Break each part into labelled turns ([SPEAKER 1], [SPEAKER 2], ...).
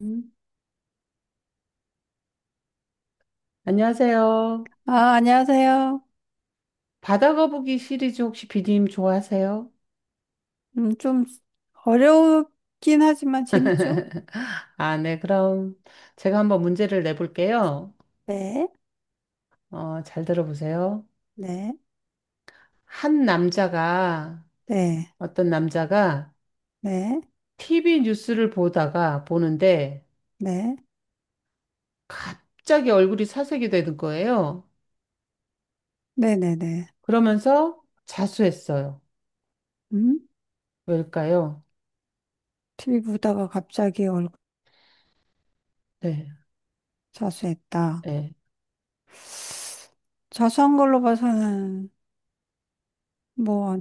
[SPEAKER 1] 음. 안녕하세요.
[SPEAKER 2] 아, 안녕하세요.
[SPEAKER 1] 바다 거북이 시리즈 혹시 비디님 좋아하세요?
[SPEAKER 2] 좀 어렵긴 하지만 재밌죠?
[SPEAKER 1] 아, 네. 그럼 제가 한번 문제를 내볼게요.
[SPEAKER 2] 네,
[SPEAKER 1] 잘 들어보세요.
[SPEAKER 2] 네,
[SPEAKER 1] 한 남자가,
[SPEAKER 2] 네,
[SPEAKER 1] 어떤 남자가
[SPEAKER 2] 네,
[SPEAKER 1] TV 뉴스를 보다가 보는데
[SPEAKER 2] 네,
[SPEAKER 1] 갑자기 얼굴이 사색이 되는 거예요.
[SPEAKER 2] 네네네.
[SPEAKER 1] 그러면서 자수했어요.
[SPEAKER 2] 음?
[SPEAKER 1] 왜일까요?
[SPEAKER 2] TV 보다가 갑자기 얼굴
[SPEAKER 1] 네.
[SPEAKER 2] 자수했다.
[SPEAKER 1] 네.
[SPEAKER 2] 자수한 걸로 봐서는 뭐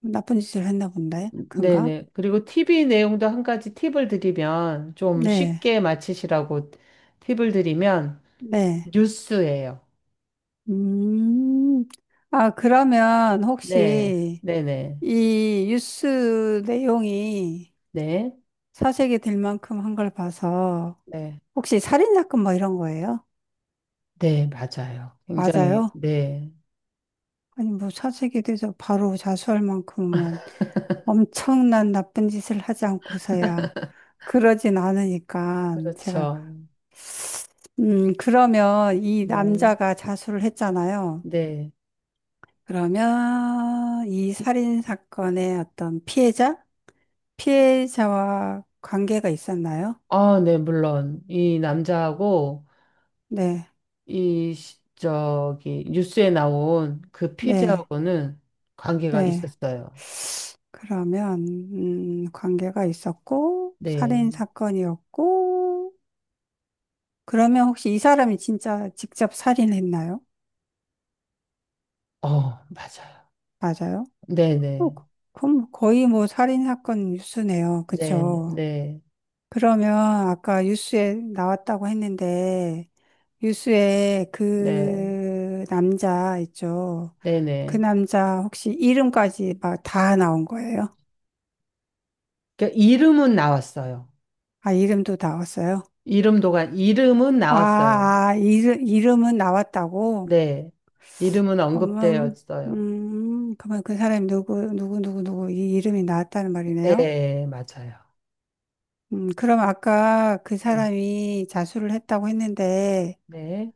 [SPEAKER 2] 나쁜 짓을 했나 본데, 그런가?
[SPEAKER 1] 네네. 그리고 TV 내용도 한 가지 팁을 드리면, 좀
[SPEAKER 2] 네,
[SPEAKER 1] 쉽게 맞히시라고 팁을 드리면,
[SPEAKER 2] 네.
[SPEAKER 1] 뉴스예요.
[SPEAKER 2] 음, 아, 그러면
[SPEAKER 1] 네,
[SPEAKER 2] 혹시
[SPEAKER 1] 네네.
[SPEAKER 2] 이 뉴스 내용이
[SPEAKER 1] 네,
[SPEAKER 2] 사색이 될 만큼 한 걸 봐서
[SPEAKER 1] 네.
[SPEAKER 2] 혹시 살인사건 뭐 이런 거예요?
[SPEAKER 1] 네, 맞아요. 굉장히,
[SPEAKER 2] 맞아요?
[SPEAKER 1] 네.
[SPEAKER 2] 아니, 뭐 사색이 돼서 바로 자수할 만큼은 엄청난 나쁜 짓을 하지 않고서야 그러진 않으니까 제가,
[SPEAKER 1] 그렇죠.
[SPEAKER 2] 그러면 이
[SPEAKER 1] 네,
[SPEAKER 2] 남자가 자수를 했잖아요.
[SPEAKER 1] 네.
[SPEAKER 2] 그러면 이 살인사건의 어떤 피해자? 피해자와 관계가 있었나요?
[SPEAKER 1] 아, 네, 물론. 이 남자하고,
[SPEAKER 2] 네,
[SPEAKER 1] 뉴스에 나온 그
[SPEAKER 2] 네,
[SPEAKER 1] 피지하고는 관계가
[SPEAKER 2] 네.
[SPEAKER 1] 있었어요.
[SPEAKER 2] 그러면, 관계가 있었고,
[SPEAKER 1] 네.
[SPEAKER 2] 살인사건이었고, 그러면 혹시 이 사람이 진짜 직접 살인했나요?
[SPEAKER 1] 어, 맞아요.
[SPEAKER 2] 맞아요? 어,
[SPEAKER 1] 네네.
[SPEAKER 2] 그럼 거의 뭐 살인 사건 뉴스네요.
[SPEAKER 1] 네,
[SPEAKER 2] 그쵸?
[SPEAKER 1] 네.
[SPEAKER 2] 그러면 아까 뉴스에 나왔다고 했는데, 뉴스에
[SPEAKER 1] 네,
[SPEAKER 2] 그 남자 있죠? 그
[SPEAKER 1] 네네.
[SPEAKER 2] 남자 혹시 이름까지 막 다 나온 거예요?
[SPEAKER 1] 그러니까 이름은 나왔어요.
[SPEAKER 2] 아, 이름도 나왔어요?
[SPEAKER 1] 이름은
[SPEAKER 2] 아,
[SPEAKER 1] 나왔어요.
[SPEAKER 2] 아, 이름, 이름은 나왔다고?
[SPEAKER 1] 네. 이름은
[SPEAKER 2] 그러면,
[SPEAKER 1] 언급되었어요.
[SPEAKER 2] 그러면 그 사람이 누구, 누구, 누구, 누구, 이 이름이 나왔다는 말이네요?
[SPEAKER 1] 네, 맞아요.
[SPEAKER 2] 그럼 아까 그
[SPEAKER 1] 네,
[SPEAKER 2] 사람이 자수를 했다고 했는데,
[SPEAKER 1] 네.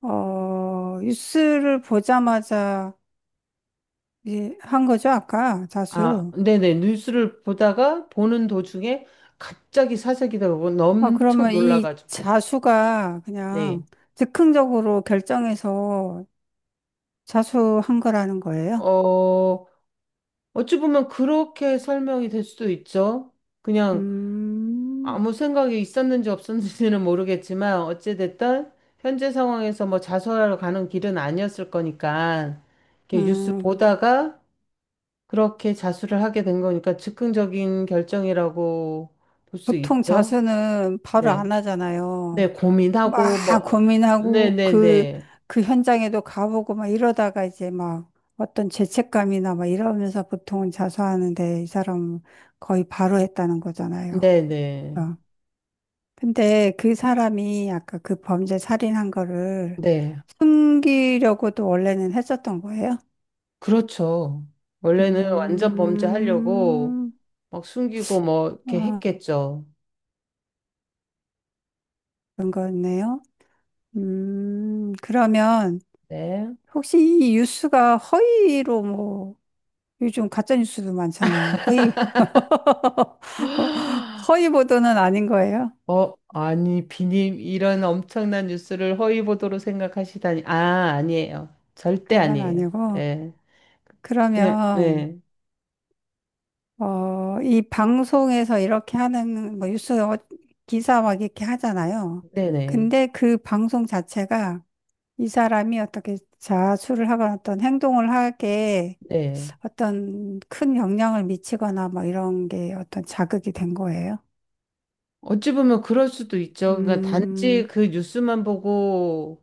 [SPEAKER 2] 어, 뉴스를 보자마자 이제 한 거죠, 아까
[SPEAKER 1] 아,
[SPEAKER 2] 자수.
[SPEAKER 1] 네네. 뉴스를 보다가 보는 도중에 갑자기 사재기가 오고
[SPEAKER 2] 아,
[SPEAKER 1] 엄청
[SPEAKER 2] 그러면 이
[SPEAKER 1] 놀라가지고.
[SPEAKER 2] 자수가
[SPEAKER 1] 네.
[SPEAKER 2] 그냥 즉흥적으로 결정해서 자수한 거라는 거예요?
[SPEAKER 1] 어, 어찌 보면 그렇게 설명이 될 수도 있죠. 그냥
[SPEAKER 2] 음,
[SPEAKER 1] 아무 생각이 있었는지 없었는지는 모르겠지만 어찌됐든 현재 상황에서 뭐 자수하러 가는 길은 아니었을 거니까 이렇게 뉴스
[SPEAKER 2] 음,
[SPEAKER 1] 보다가 그렇게 자수를 하게 된 거니까 즉흥적인 결정이라고 볼 수
[SPEAKER 2] 보통
[SPEAKER 1] 있죠.
[SPEAKER 2] 자수는 바로
[SPEAKER 1] 네.
[SPEAKER 2] 안 하잖아요.
[SPEAKER 1] 네,
[SPEAKER 2] 막
[SPEAKER 1] 고민하고 뭐 네,
[SPEAKER 2] 고민하고
[SPEAKER 1] 네,
[SPEAKER 2] 그,
[SPEAKER 1] 네.
[SPEAKER 2] 그 현장에도 가보고 막 이러다가 이제 막 어떤 죄책감이나 막 이러면서 보통은 자수하는데 이 사람은 거의 바로 했다는 거잖아요.
[SPEAKER 1] 네, 네.
[SPEAKER 2] 어. 근데 그 사람이 아까 그 범죄 살인한 거를
[SPEAKER 1] 네.
[SPEAKER 2] 숨기려고도 원래는 했었던 거예요?
[SPEAKER 1] 그렇죠. 원래는 완전 범죄하려고
[SPEAKER 2] 음,
[SPEAKER 1] 막 숨기고 뭐 이렇게
[SPEAKER 2] 아,
[SPEAKER 1] 했겠죠.
[SPEAKER 2] 그런 거였네요. 그러면
[SPEAKER 1] 네.
[SPEAKER 2] 혹시 이 뉴스가 허위로 뭐 요즘 가짜뉴스도 많잖아요. 허위, 허위 보도는 아닌 거예요.
[SPEAKER 1] 어, 아니, 비님, 이런 엄청난 뉴스를 허위 보도로 생각하시다니. 아, 아니에요. 절대
[SPEAKER 2] 그건
[SPEAKER 1] 아니에요.
[SPEAKER 2] 아니고.
[SPEAKER 1] 예. 그냥,
[SPEAKER 2] 그러면,
[SPEAKER 1] 네.
[SPEAKER 2] 어, 이 방송에서 이렇게 하는, 뭐, 기사 막 이렇게 하잖아요.
[SPEAKER 1] 네네.
[SPEAKER 2] 근데 그 방송 자체가 이 사람이 어떻게 자수를 하거나 어떤 행동을 하게
[SPEAKER 1] 네.
[SPEAKER 2] 어떤 큰 영향을 미치거나 막 이런 게 어떤 자극이 된 거예요.
[SPEAKER 1] 어찌 보면 그럴 수도 있죠. 그러니까 단지
[SPEAKER 2] 음,
[SPEAKER 1] 그 뉴스만 보고,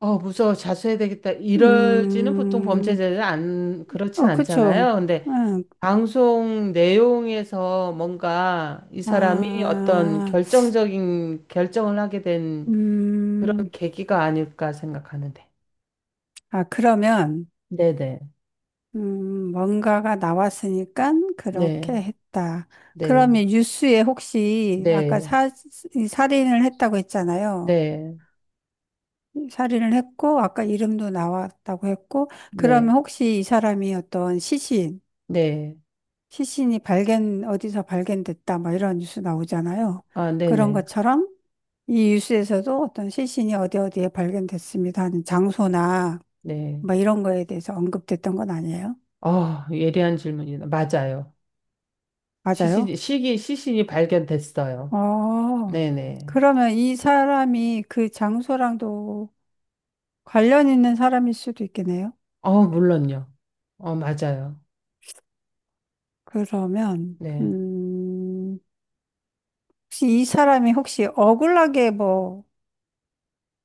[SPEAKER 1] 어, 무서워, 자수해야 되겠다. 이러지는 보통
[SPEAKER 2] 음,
[SPEAKER 1] 범죄자들은 안, 그렇진
[SPEAKER 2] 어,
[SPEAKER 1] 않잖아요.
[SPEAKER 2] 그쵸.
[SPEAKER 1] 근데
[SPEAKER 2] 응.
[SPEAKER 1] 방송 내용에서 뭔가 이 사람이 어떤
[SPEAKER 2] 아,
[SPEAKER 1] 결정적인 결정을 하게 된 그런
[SPEAKER 2] 음,
[SPEAKER 1] 계기가 아닐까 생각하는데.
[SPEAKER 2] 아, 그러면,
[SPEAKER 1] 네네.
[SPEAKER 2] 뭔가가 나왔으니까 그렇게
[SPEAKER 1] 네.
[SPEAKER 2] 했다.
[SPEAKER 1] 네.
[SPEAKER 2] 그러면 뉴스에 혹시 아까
[SPEAKER 1] 네.
[SPEAKER 2] 사, 이 살인을 했다고 했잖아요.
[SPEAKER 1] 네.
[SPEAKER 2] 살인을 했고, 아까 이름도 나왔다고 했고,
[SPEAKER 1] 네.
[SPEAKER 2] 그러면 혹시 이 사람이
[SPEAKER 1] 네.
[SPEAKER 2] 시신이 발견, 어디서 발견됐다, 뭐 이런 뉴스 나오잖아요.
[SPEAKER 1] 아,
[SPEAKER 2] 그런
[SPEAKER 1] 네네.
[SPEAKER 2] 것처럼 이 뉴스에서도 어떤 시신이 어디 어디에 발견됐습니다 하는 장소나
[SPEAKER 1] 네.
[SPEAKER 2] 뭐 이런 거에 대해서 언급됐던 건 아니에요?
[SPEAKER 1] 아, 예리한 질문이다. 맞아요.
[SPEAKER 2] 맞아요?
[SPEAKER 1] 시신이 발견됐어요.
[SPEAKER 2] 어,
[SPEAKER 1] 네네.
[SPEAKER 2] 그러면 이 사람이 그 장소랑도 관련 있는 사람일 수도 있겠네요?
[SPEAKER 1] 어, 물론요. 어, 맞아요.
[SPEAKER 2] 그러면,
[SPEAKER 1] 네.
[SPEAKER 2] 혹시 이 사람이 혹시 억울하게 뭐,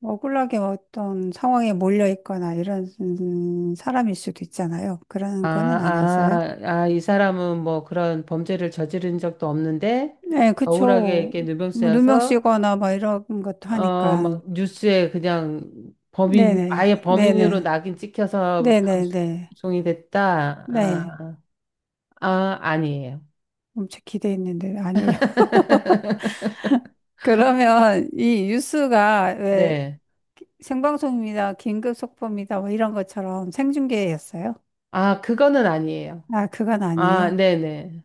[SPEAKER 2] 억울하게 어떤 상황에 몰려 있거나 이런 사람일 수도 있잖아요.
[SPEAKER 1] 아,
[SPEAKER 2] 그런 거는 아니었어요?
[SPEAKER 1] 아, 아, 이 사람은 뭐 그런 범죄를 저지른 적도 없는데,
[SPEAKER 2] 네,
[SPEAKER 1] 억울하게
[SPEAKER 2] 그쵸.
[SPEAKER 1] 이렇게
[SPEAKER 2] 뭐 누명
[SPEAKER 1] 누명쓰여서
[SPEAKER 2] 쓰거나 막 이런 것도
[SPEAKER 1] 어,
[SPEAKER 2] 하니까.
[SPEAKER 1] 막 뉴스에 그냥 범인,
[SPEAKER 2] 네네,
[SPEAKER 1] 아예 범인으로
[SPEAKER 2] 네네,
[SPEAKER 1] 낙인 찍혀서
[SPEAKER 2] 네네네.
[SPEAKER 1] 방송이 됐다.
[SPEAKER 2] 네.
[SPEAKER 1] 아, 아니에요.
[SPEAKER 2] 엄청 기대했는데 아니에요. 그러면 이 뉴스가 왜
[SPEAKER 1] 네.
[SPEAKER 2] 생방송입니다, 긴급 속보입니다, 뭐 이런 것처럼 생중계였어요?
[SPEAKER 1] 아, 그거는 아니에요.
[SPEAKER 2] 아, 그건
[SPEAKER 1] 아,
[SPEAKER 2] 아니에요.
[SPEAKER 1] 네네.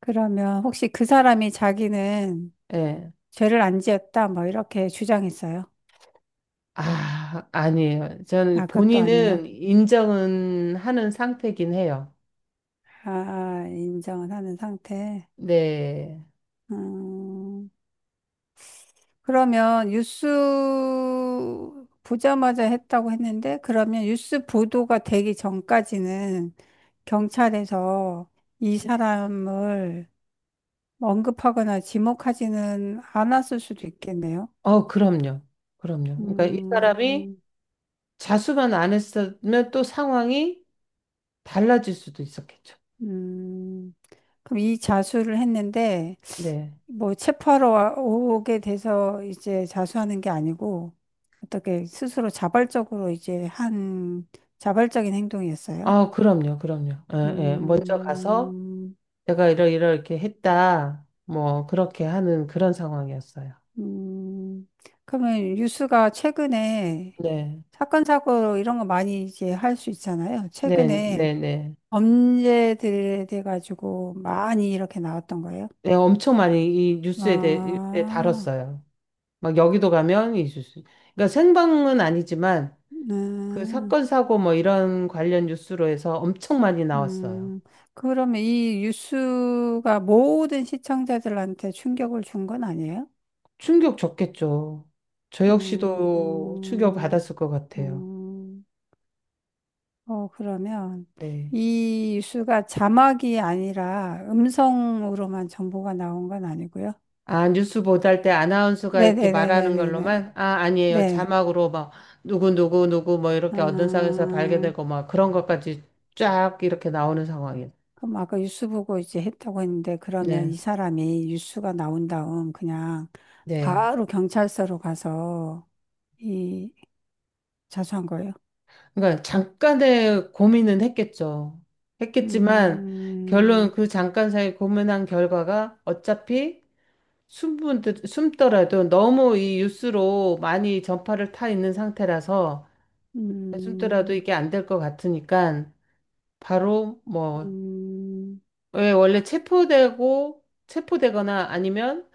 [SPEAKER 2] 그러면 혹시 그 사람이 자기는
[SPEAKER 1] 예.
[SPEAKER 2] 죄를 안 지었다, 뭐 이렇게 주장했어요?
[SPEAKER 1] 아, 아니에요. 저는
[SPEAKER 2] 아, 그것도 아니에요.
[SPEAKER 1] 본인은 인정은 하는 상태긴 해요.
[SPEAKER 2] 아, 인정을 하는 상태.
[SPEAKER 1] 네.
[SPEAKER 2] 음, 그러면 뉴스 보자마자 했다고 했는데, 그러면 뉴스 보도가 되기 전까지는 경찰에서 이 사람을 언급하거나 지목하지는 않았을 수도 있겠네요.
[SPEAKER 1] 어, 그럼요. 그럼요. 그러니까 이 사람이
[SPEAKER 2] 음,
[SPEAKER 1] 자수만 안 했으면 또 상황이 달라질 수도 있었겠죠.
[SPEAKER 2] 음, 그럼 이 자수를 했는데,
[SPEAKER 1] 네.
[SPEAKER 2] 뭐 오게 돼서 이제 자수하는 게 아니고, 어떻게 스스로 자발적으로 이제 한 자발적인 행동이었어요?
[SPEAKER 1] 아, 그럼요, 그럼요. 예, 예. 먼저 가서
[SPEAKER 2] 음,
[SPEAKER 1] 제가 이러 이렇게 했다. 뭐 그렇게 하는 그런 상황이었어요.
[SPEAKER 2] 음, 그러면 뉴스가 최근에
[SPEAKER 1] 네,
[SPEAKER 2] 사건, 사고 이런 거 많이 이제 할 수 있잖아요.
[SPEAKER 1] 네, 네,
[SPEAKER 2] 최근에
[SPEAKER 1] 네.
[SPEAKER 2] 범죄들에 대해 가지고 많이 이렇게 나왔던 거예요.
[SPEAKER 1] 네, 엄청 많이 이 뉴스에 대해 뉴스에
[SPEAKER 2] 아.
[SPEAKER 1] 다뤘어요. 막 여기도 가면 이 뉴스. 그러니까 생방은 아니지만 그
[SPEAKER 2] 음,
[SPEAKER 1] 사건 사고 뭐 이런 관련 뉴스로 해서 엄청 많이 나왔어요.
[SPEAKER 2] 음. 그러면 이 뉴스가 모든 시청자들한테 충격을 준 건 아니에요?
[SPEAKER 1] 충격 줬겠죠. 저 역시도 충격
[SPEAKER 2] 음,
[SPEAKER 1] 받았을 것 같아요.
[SPEAKER 2] 음. 어, 그러면
[SPEAKER 1] 네.
[SPEAKER 2] 이 뉴스가 자막이 아니라 음성으로만 정보가 나온 건 아니고요.
[SPEAKER 1] 아, 뉴스 보도할 때 아나운서가 이렇게 말하는
[SPEAKER 2] 네네네네네네.
[SPEAKER 1] 걸로만? 아, 아니에요.
[SPEAKER 2] 네.
[SPEAKER 1] 자막으로 막, 누구, 누구, 누구, 뭐, 이렇게 어떤 상황에서
[SPEAKER 2] 아,
[SPEAKER 1] 발견되고, 막, 그런 것까지 쫙 이렇게 나오는 상황이에요.
[SPEAKER 2] 그럼 아까 뉴스 보고 이제 했다고 했는데 그러면
[SPEAKER 1] 네,
[SPEAKER 2] 이 사람이 뉴스가 나온 다음 그냥
[SPEAKER 1] 네.
[SPEAKER 2] 바로 경찰서로 가서 이 자수한 거예요.
[SPEAKER 1] 그러니까, 잠깐의 고민은 했겠죠. 했겠지만, 결론,
[SPEAKER 2] 음,
[SPEAKER 1] 그 잠깐 사이 고민한 결과가 어차피 숨더라도 너무 이 뉴스로 많이 전파를 타 있는 상태라서, 숨더라도
[SPEAKER 2] 음,
[SPEAKER 1] 이게 안 될 것 같으니까, 바로 뭐,
[SPEAKER 2] 음,
[SPEAKER 1] 왜 원래 체포되고 체포되거나 아니면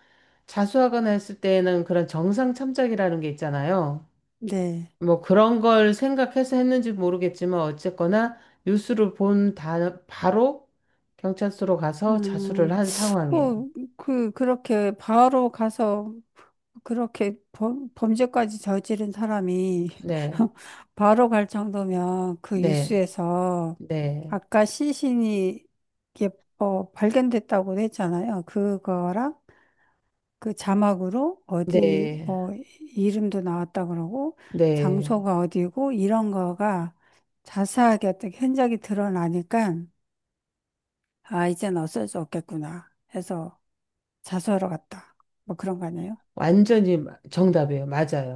[SPEAKER 1] 자수하거나 했을 때에는 그런 정상 참작이라는 게 있잖아요.
[SPEAKER 2] 네.
[SPEAKER 1] 뭐 그런 걸 생각해서 했는지 모르겠지만 어쨌거나 바로 경찰서로
[SPEAKER 2] 아,
[SPEAKER 1] 가서 자수를 한 상황이에요.
[SPEAKER 2] 뭐, 그렇게 바로 가서 그렇게 범죄까지 저지른 사람이
[SPEAKER 1] 네,
[SPEAKER 2] 바로 갈 정도면 그
[SPEAKER 1] 네,
[SPEAKER 2] 뉴스에서
[SPEAKER 1] 네,
[SPEAKER 2] 아까 시신이 이게 뭐 발견됐다고 했잖아요. 그거랑 그 자막으로 어디
[SPEAKER 1] 네,
[SPEAKER 2] 뭐 이름도 나왔다 그러고
[SPEAKER 1] 네.
[SPEAKER 2] 장소가 어디고 이런 거가 자세하게 어떻게 흔적이 드러나니까 아, 이젠 어쩔 수 없겠구나 해서 자수하러 갔다. 뭐 그런 거 아니에요?
[SPEAKER 1] 정답이에요.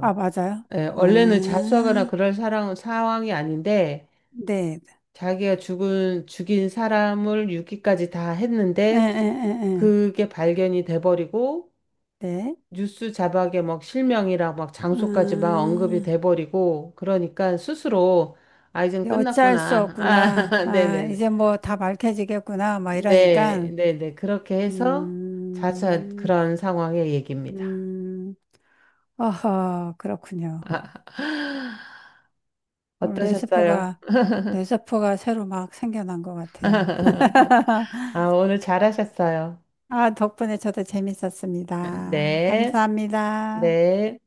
[SPEAKER 2] 아, 맞아요.
[SPEAKER 1] 예, 원래는 자수하거나
[SPEAKER 2] 아,
[SPEAKER 1] 그럴 상황이 아닌데
[SPEAKER 2] 네.
[SPEAKER 1] 자기가 죽인 사람을 유기까지 다
[SPEAKER 2] 에, 에,
[SPEAKER 1] 했는데
[SPEAKER 2] 에, 에.
[SPEAKER 1] 그게 발견이 돼버리고
[SPEAKER 2] 네.
[SPEAKER 1] 뉴스 자막에 막 실명이랑 막 장소까지 막 언급이
[SPEAKER 2] 아,
[SPEAKER 1] 돼버리고 그러니까 스스로 아, 이젠
[SPEAKER 2] 이게 어찌할 수
[SPEAKER 1] 끝났구나.
[SPEAKER 2] 없구나.
[SPEAKER 1] 아,
[SPEAKER 2] 아,
[SPEAKER 1] 네네네.
[SPEAKER 2] 이제 뭐 다 밝혀지겠구나. 막
[SPEAKER 1] 네,
[SPEAKER 2] 이러니까.
[SPEAKER 1] 네네. 그렇게 해서 자수한
[SPEAKER 2] 음,
[SPEAKER 1] 그런 상황의 얘기입니다.
[SPEAKER 2] 음, 어허, 그렇군요. 오늘
[SPEAKER 1] 어떠셨어요?
[SPEAKER 2] 뇌세포가, 뇌세포가 새로 막 생겨난 것 같아요.
[SPEAKER 1] 아, 오늘 잘하셨어요.
[SPEAKER 2] 아, 덕분에 저도 재밌었습니다.
[SPEAKER 1] 네,
[SPEAKER 2] 감사합니다.
[SPEAKER 1] 네.